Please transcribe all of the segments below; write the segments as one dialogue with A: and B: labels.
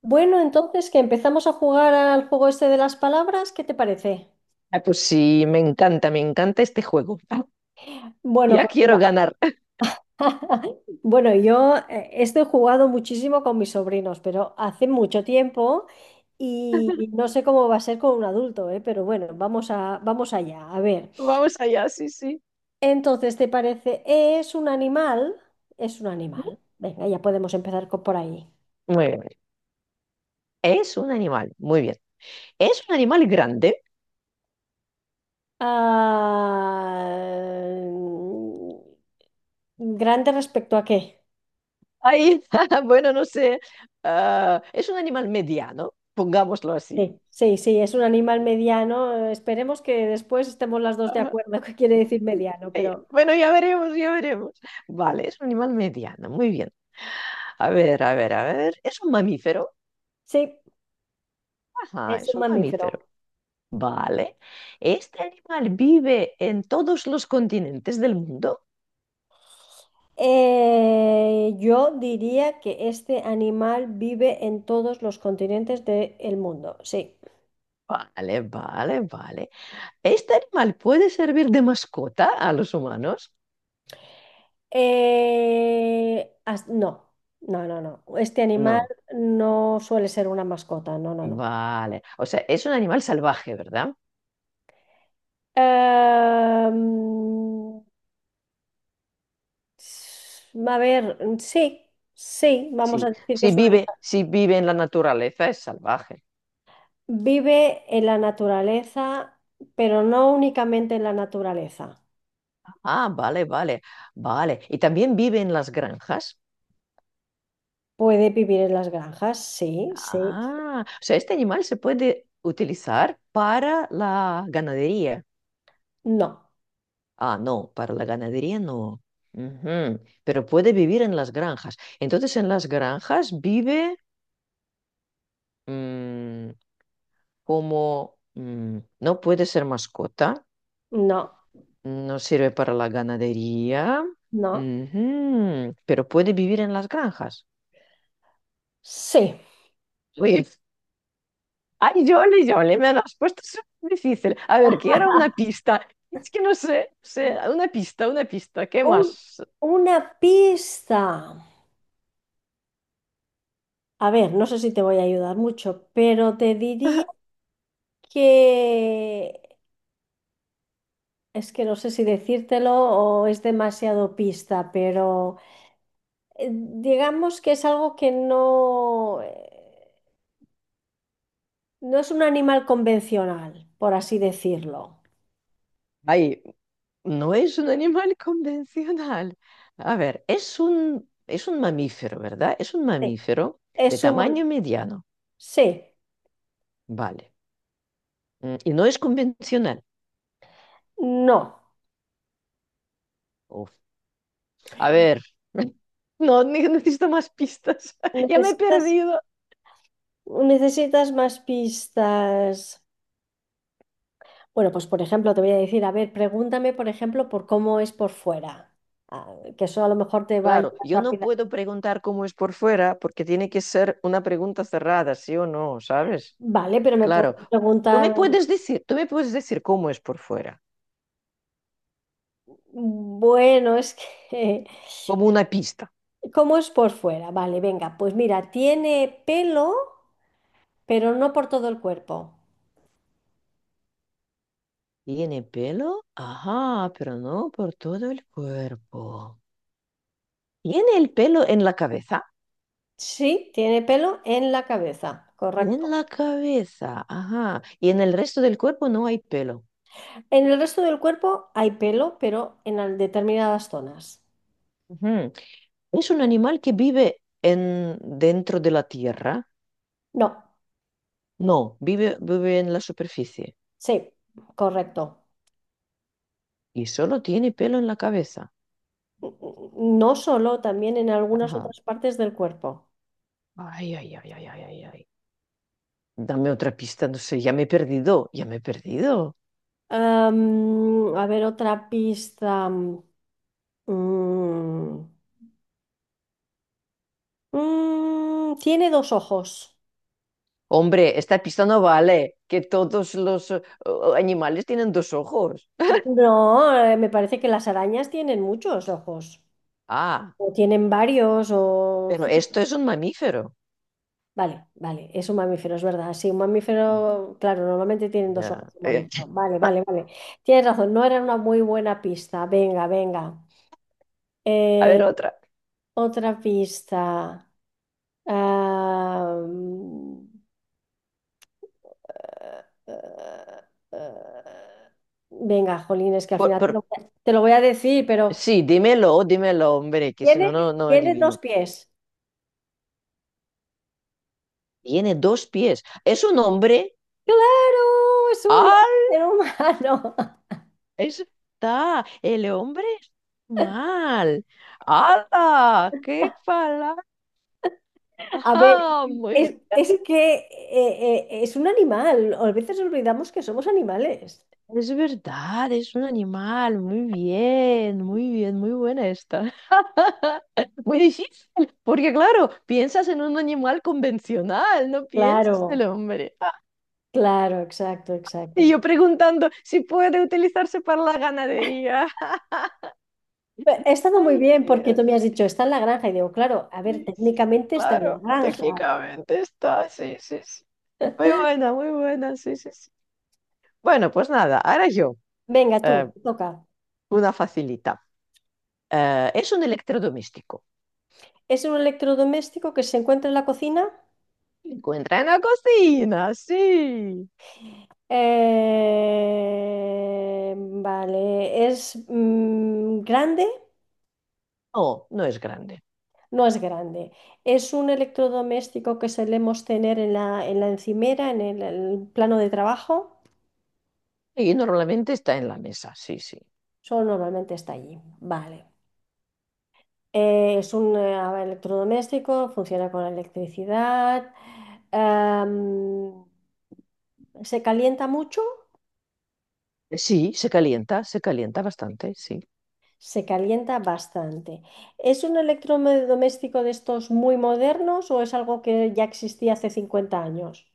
A: Bueno, entonces que empezamos a jugar al juego este de las palabras, ¿qué te parece?
B: Pues sí, me encanta este juego.
A: Bueno,
B: Ya
A: pues
B: quiero
A: mira,
B: ganar.
A: bueno, yo esto he jugado muchísimo con mis sobrinos, pero hace mucho tiempo y no sé cómo va a ser con un adulto, ¿eh? Pero bueno, vamos allá, a ver.
B: Vamos allá, sí.
A: Entonces, ¿te parece? ¿Es un animal? Es un animal. Venga, ya podemos empezar por ahí.
B: Muy bien. Es un animal, muy bien. ¿Es un animal grande?
A: Ah, mm, ¿Grande respecto a qué?
B: Ay, bueno, no sé. Es un animal mediano, pongámoslo así.
A: Sí, sí, sí, es un animal mediano. Esperemos que después estemos las dos de
B: Ajá.
A: acuerdo qué quiere decir mediano,
B: Ay,
A: pero
B: bueno, ya veremos, ya veremos. Vale, es un animal mediano, muy bien. A ver, a ver, a ver. ¿Es un mamífero?
A: sí,
B: Ajá,
A: es
B: es
A: un
B: un mamífero.
A: mamífero.
B: Vale. ¿Este animal vive en todos los continentes del mundo?
A: Yo diría que este animal vive en todos los continentes del mundo, sí.
B: Vale, vale, vale. ¿Este animal puede servir de mascota a los humanos?
A: No, no, no, no. Este animal
B: No.
A: no suele ser una mascota, no, no, no.
B: Vale. O sea, es un animal salvaje, ¿verdad?
A: Em, a ver, sí, sí, vamos
B: Sí.
A: a decir que
B: Si
A: es un
B: vive,
A: animal.
B: si vive en la naturaleza, es salvaje.
A: Vive en la naturaleza, pero no únicamente en la naturaleza.
B: Ah, vale, vale, vale. Y también vive en las granjas.
A: Puede vivir en las granjas, sí, sí.
B: Ah, o sea, este animal se puede utilizar para la ganadería.
A: No,
B: Ah, no, para la ganadería no. Ujú. Pero puede vivir en las granjas. Entonces, en las granjas vive mm, como no puede ser mascota,
A: no,
B: no sirve para la ganadería,
A: no,
B: ujú, pero puede vivir en las granjas.
A: sí.
B: Uy, ay, Yoli, Yoli, me lo has puesto súper difícil. A ver, quiero una pista. Es que no sé, sé, una pista, ¿qué
A: Un-
B: más?
A: una pista. A ver, no sé si te voy a ayudar mucho, pero te diría que es que no sé si decírtelo o es demasiado pista, pero digamos que es algo que no es un animal convencional, por así decirlo.
B: Ay, no es un animal convencional. A ver, es un mamífero, ¿verdad? Es un
A: Sí,
B: mamífero de
A: es humano.
B: tamaño mediano,
A: Sí,
B: vale. Y no es convencional.
A: no.
B: Uf. A ver, no ne- necesito más pistas. Ya me he
A: Necesitas,
B: perdido.
A: necesitas más pistas. Bueno, pues por ejemplo, te voy a decir, a ver, pregúntame, por ejemplo, por cómo es por fuera. Ah, que eso a lo mejor te va a
B: Claro,
A: ayudar
B: yo no
A: rápida.
B: puedo preguntar cómo es por fuera porque tiene que ser una pregunta cerrada, sí o no, ¿sabes?
A: Vale, pero me
B: Claro,
A: puedes preguntar,
B: tú me puedes decir cómo es por fuera,
A: bueno, es que,
B: como una pista.
A: ¿cómo es por fuera? Vale, venga, pues mira, tiene pelo, pero no por todo el cuerpo.
B: ¿Tiene pelo? Ajá, pero no por todo el cuerpo. ¿Tiene el pelo en la cabeza?
A: Sí, tiene pelo en la cabeza,
B: En
A: correcto.
B: la cabeza, ajá. Y en el resto del cuerpo no hay pelo.
A: En el resto del cuerpo hay pelo, pero en determinadas zonas.
B: Ujú. ¿Es un animal que vive en, dentro de la tierra?
A: No,
B: No, vive en la superficie
A: sí, correcto.
B: y solo tiene pelo en la cabeza.
A: No solo, también en algunas
B: Ajá.
A: otras partes del cuerpo.
B: Ay, ay, ay, ay, ay, ay, ay. Dame otra pista, no sé, ya me he perdido, ya me he perdido.
A: A ver, otra pista. Tiene dos ojos.
B: Hombre, esta pista no vale, que todos los animales tienen dos ojos.
A: No, me parece que las arañas tienen muchos ojos.
B: Ah,
A: O tienen varios, o...
B: pero esto es un mamífero.
A: Vale, vale, es un mamífero, es verdad. Sí, un mamífero, claro, normalmente tienen dos ojos,
B: Ya.
A: un mamífero. Vale, vale, vale. Tienes razón, no era una muy buena pista. Venga, venga.
B: A ver,
A: Eh,
B: otra.
A: otra pista. Ah, mm, eh, eh, eh, venga, jolines, que al
B: Por-
A: final
B: por-
A: te lo voy a decir, pero
B: sí, dímelo, dímelo, hombre, que si no,
A: tiene,
B: no
A: tiene
B: adivino.
A: dos pies.
B: Tiene dos pies. Es un hombre.
A: Claro, es un
B: ¡Ah!
A: ser humano.
B: Está. El hombre es mal. ¡Hala! ¡Qué palabra!
A: A ver.
B: ¡Ah! Muy...
A: Es que es un animal, a veces olvidamos que somos animales.
B: Es verdad, es un animal. Muy bien, muy bien, muy buena esta. Muy difícil, porque claro, piensas en un animal convencional, no piensas en
A: Claro,
B: el hombre.
A: claro, exacto,
B: Y
A: exacto.
B: yo preguntando si puede utilizarse para la ganadería.
A: Ha estado muy
B: Ay,
A: bien
B: qué
A: porque tú me has
B: gracioso.
A: dicho, está en la granja. Y digo, claro, a ver,
B: Sí, sí,
A: técnicamente está en la
B: claro,
A: granja.
B: técnicamente está, sí, sí, sí. Muy buena, sí, sí, sí. Bueno, pues nada, ahora yo,
A: Venga,
B: eh,
A: tú, te toca.
B: una facilita. Es un electrodoméstico.
A: Es un electrodoméstico que se encuentra en la cocina.
B: Se encuentra en la cocina, sí.
A: Vale, es grande.
B: No, no es grande.
A: No es grande. Es un electrodoméstico que solemos tener en en la encimera, en el plano de trabajo.
B: Y normalmente está en la mesa, sí, sí.
A: Solo normalmente está allí. Vale. Es un electrodoméstico, funciona con electricidad. Am, se calienta mucho,
B: Sí, se calienta bastante, sí.
A: se calienta bastante. ¿Es un electrodoméstico de estos muy modernos o es algo que ya existía hace 50 años?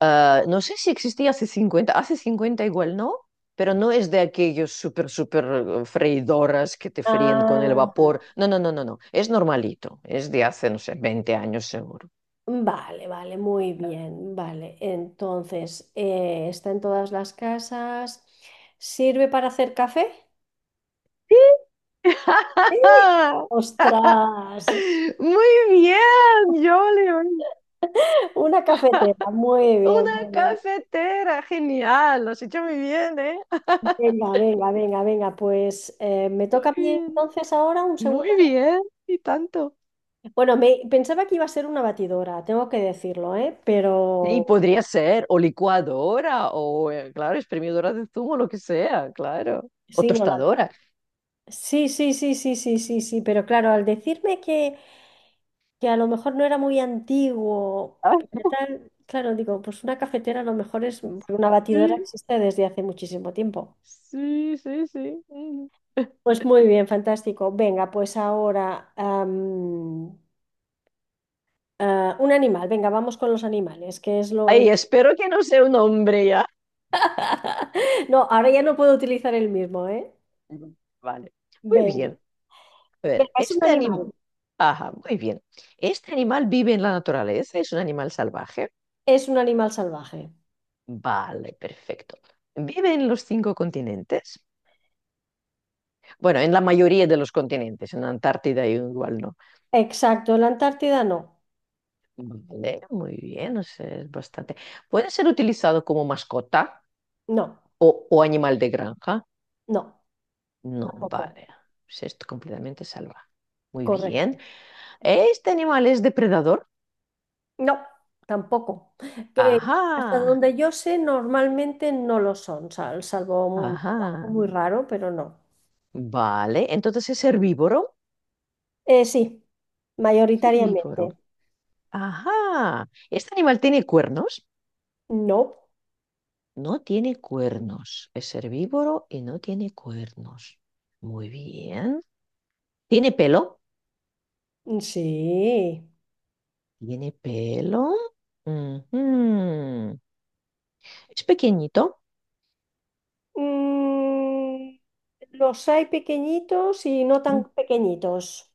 B: Ah, no sé si existía hace 50 hace 50 igual no, pero no es de aquellos súper, súper freidoras que te fríen con el
A: Ah,
B: vapor. No, no, no, no, no, es normalito, es de hace, no sé, 20 años seguro.
A: vale, vale, muy bien, vale. Entonces, está en todas las casas. ¿Sirve para hacer café?
B: Sí.
A: Sí. ¡Ostras!
B: Muy bien, Jolly.
A: Una cafetera, muy bien,
B: Una
A: muy bien.
B: cafetera, genial. Lo has hecho muy bien, ¿eh?
A: Venga, venga, venga, venga, pues me
B: Muy
A: toca a mí
B: bien.
A: entonces ahora un segundo.
B: Muy bien. Y tanto.
A: Bueno, pensaba que iba a ser una batidora, tengo que decirlo, ¿eh?
B: Sí,
A: Pero
B: podría ser, o licuadora, o claro, exprimidora de zumo, lo que sea, claro. O
A: sí, no la...
B: tostadora.
A: Sí, sí, sí, sí, sí, sí, sí, pero claro, al decirme que a lo mejor no era muy antiguo,
B: Ah,
A: pero tal, claro, digo, pues una cafetera a lo mejor es, una batidora
B: sí,
A: existe desde hace muchísimo tiempo.
B: sí, sí, sí. Mm.
A: Pues muy bien, fantástico. Venga, pues ahora un animal, venga, vamos con los animales, que es lo...
B: Ay, espero que no sea un hombre ya.
A: No, ahora ya no puedo utilizar el mismo, ¿eh?
B: Ujú. Vale. Muy
A: Venga,
B: bien. A
A: venga,
B: ver, este animal. Ajá, muy bien. ¿Este animal vive en la naturaleza? ¿Es un animal salvaje?
A: es un animal salvaje.
B: Vale, perfecto. ¿Vive en los 5 continentes? Bueno, en la mayoría de los continentes. En Antártida igual no.
A: Exacto, la Antártida no,
B: Vale, muy bien, o sea, es bastante. ¿Puede ser utilizado como mascota
A: no,
B: o animal de granja?
A: no,
B: No,
A: tampoco,
B: vale. Pues es completamente salvaje. Muy bien.
A: correcto.
B: ¿Este animal es depredador?
A: No, tampoco. Que hasta
B: Ajá,
A: donde yo sé, normalmente no lo son, salvo algo
B: ajá.
A: muy raro, pero no.
B: Vale, entonces es herbívoro.
A: Sí,
B: Es herbívoro.
A: mayoritariamente.
B: Ajá. ¿Este animal tiene cuernos?
A: No,
B: No tiene cuernos. Es herbívoro y no tiene cuernos. Muy bien. ¿Tiene pelo?
A: sí.
B: Tiene pelo. Ujú. Es pequeñito.
A: Mm, los hay pequeñitos y no tan pequeñitos.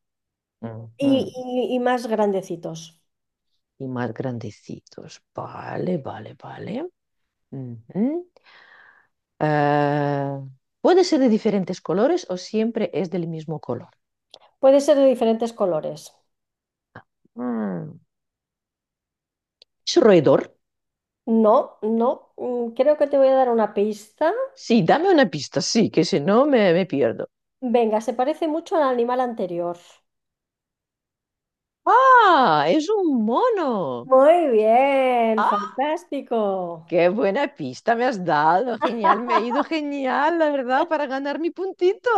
A: Y,
B: Ujú.
A: y más grandecitos.
B: Y más grandecitos. Vale, vale, vale. Ujú. Ah, puede ser de diferentes colores o siempre es del mismo color.
A: Puede ser de diferentes colores.
B: Mm. ¿Es un roedor?
A: No, no. Creo que te voy a dar una pista.
B: Sí, dame una pista, sí, que si no me pierdo.
A: Venga, se parece mucho al animal anterior.
B: ¡Ah! Es un mono.
A: Muy bien,
B: ¡Ah!
A: fantástico.
B: Qué buena pista me has dado, genial, me ha ido genial, la verdad, para ganar mi puntito.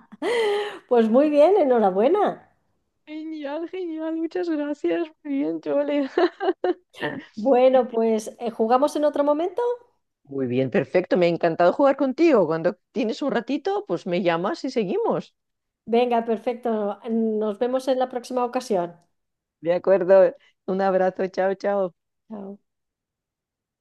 A: Pues muy bien, enhorabuena.
B: Genial, genial, muchas gracias. Muy bien, Chole.
A: Bueno, pues ¿jugamos en otro momento?
B: Muy bien, perfecto. Me ha encantado jugar contigo. Cuando tienes un ratito, pues me llamas y seguimos.
A: Venga, perfecto. Nos vemos en la próxima ocasión.
B: De acuerdo. Un abrazo. Chao, chao.
A: Chao.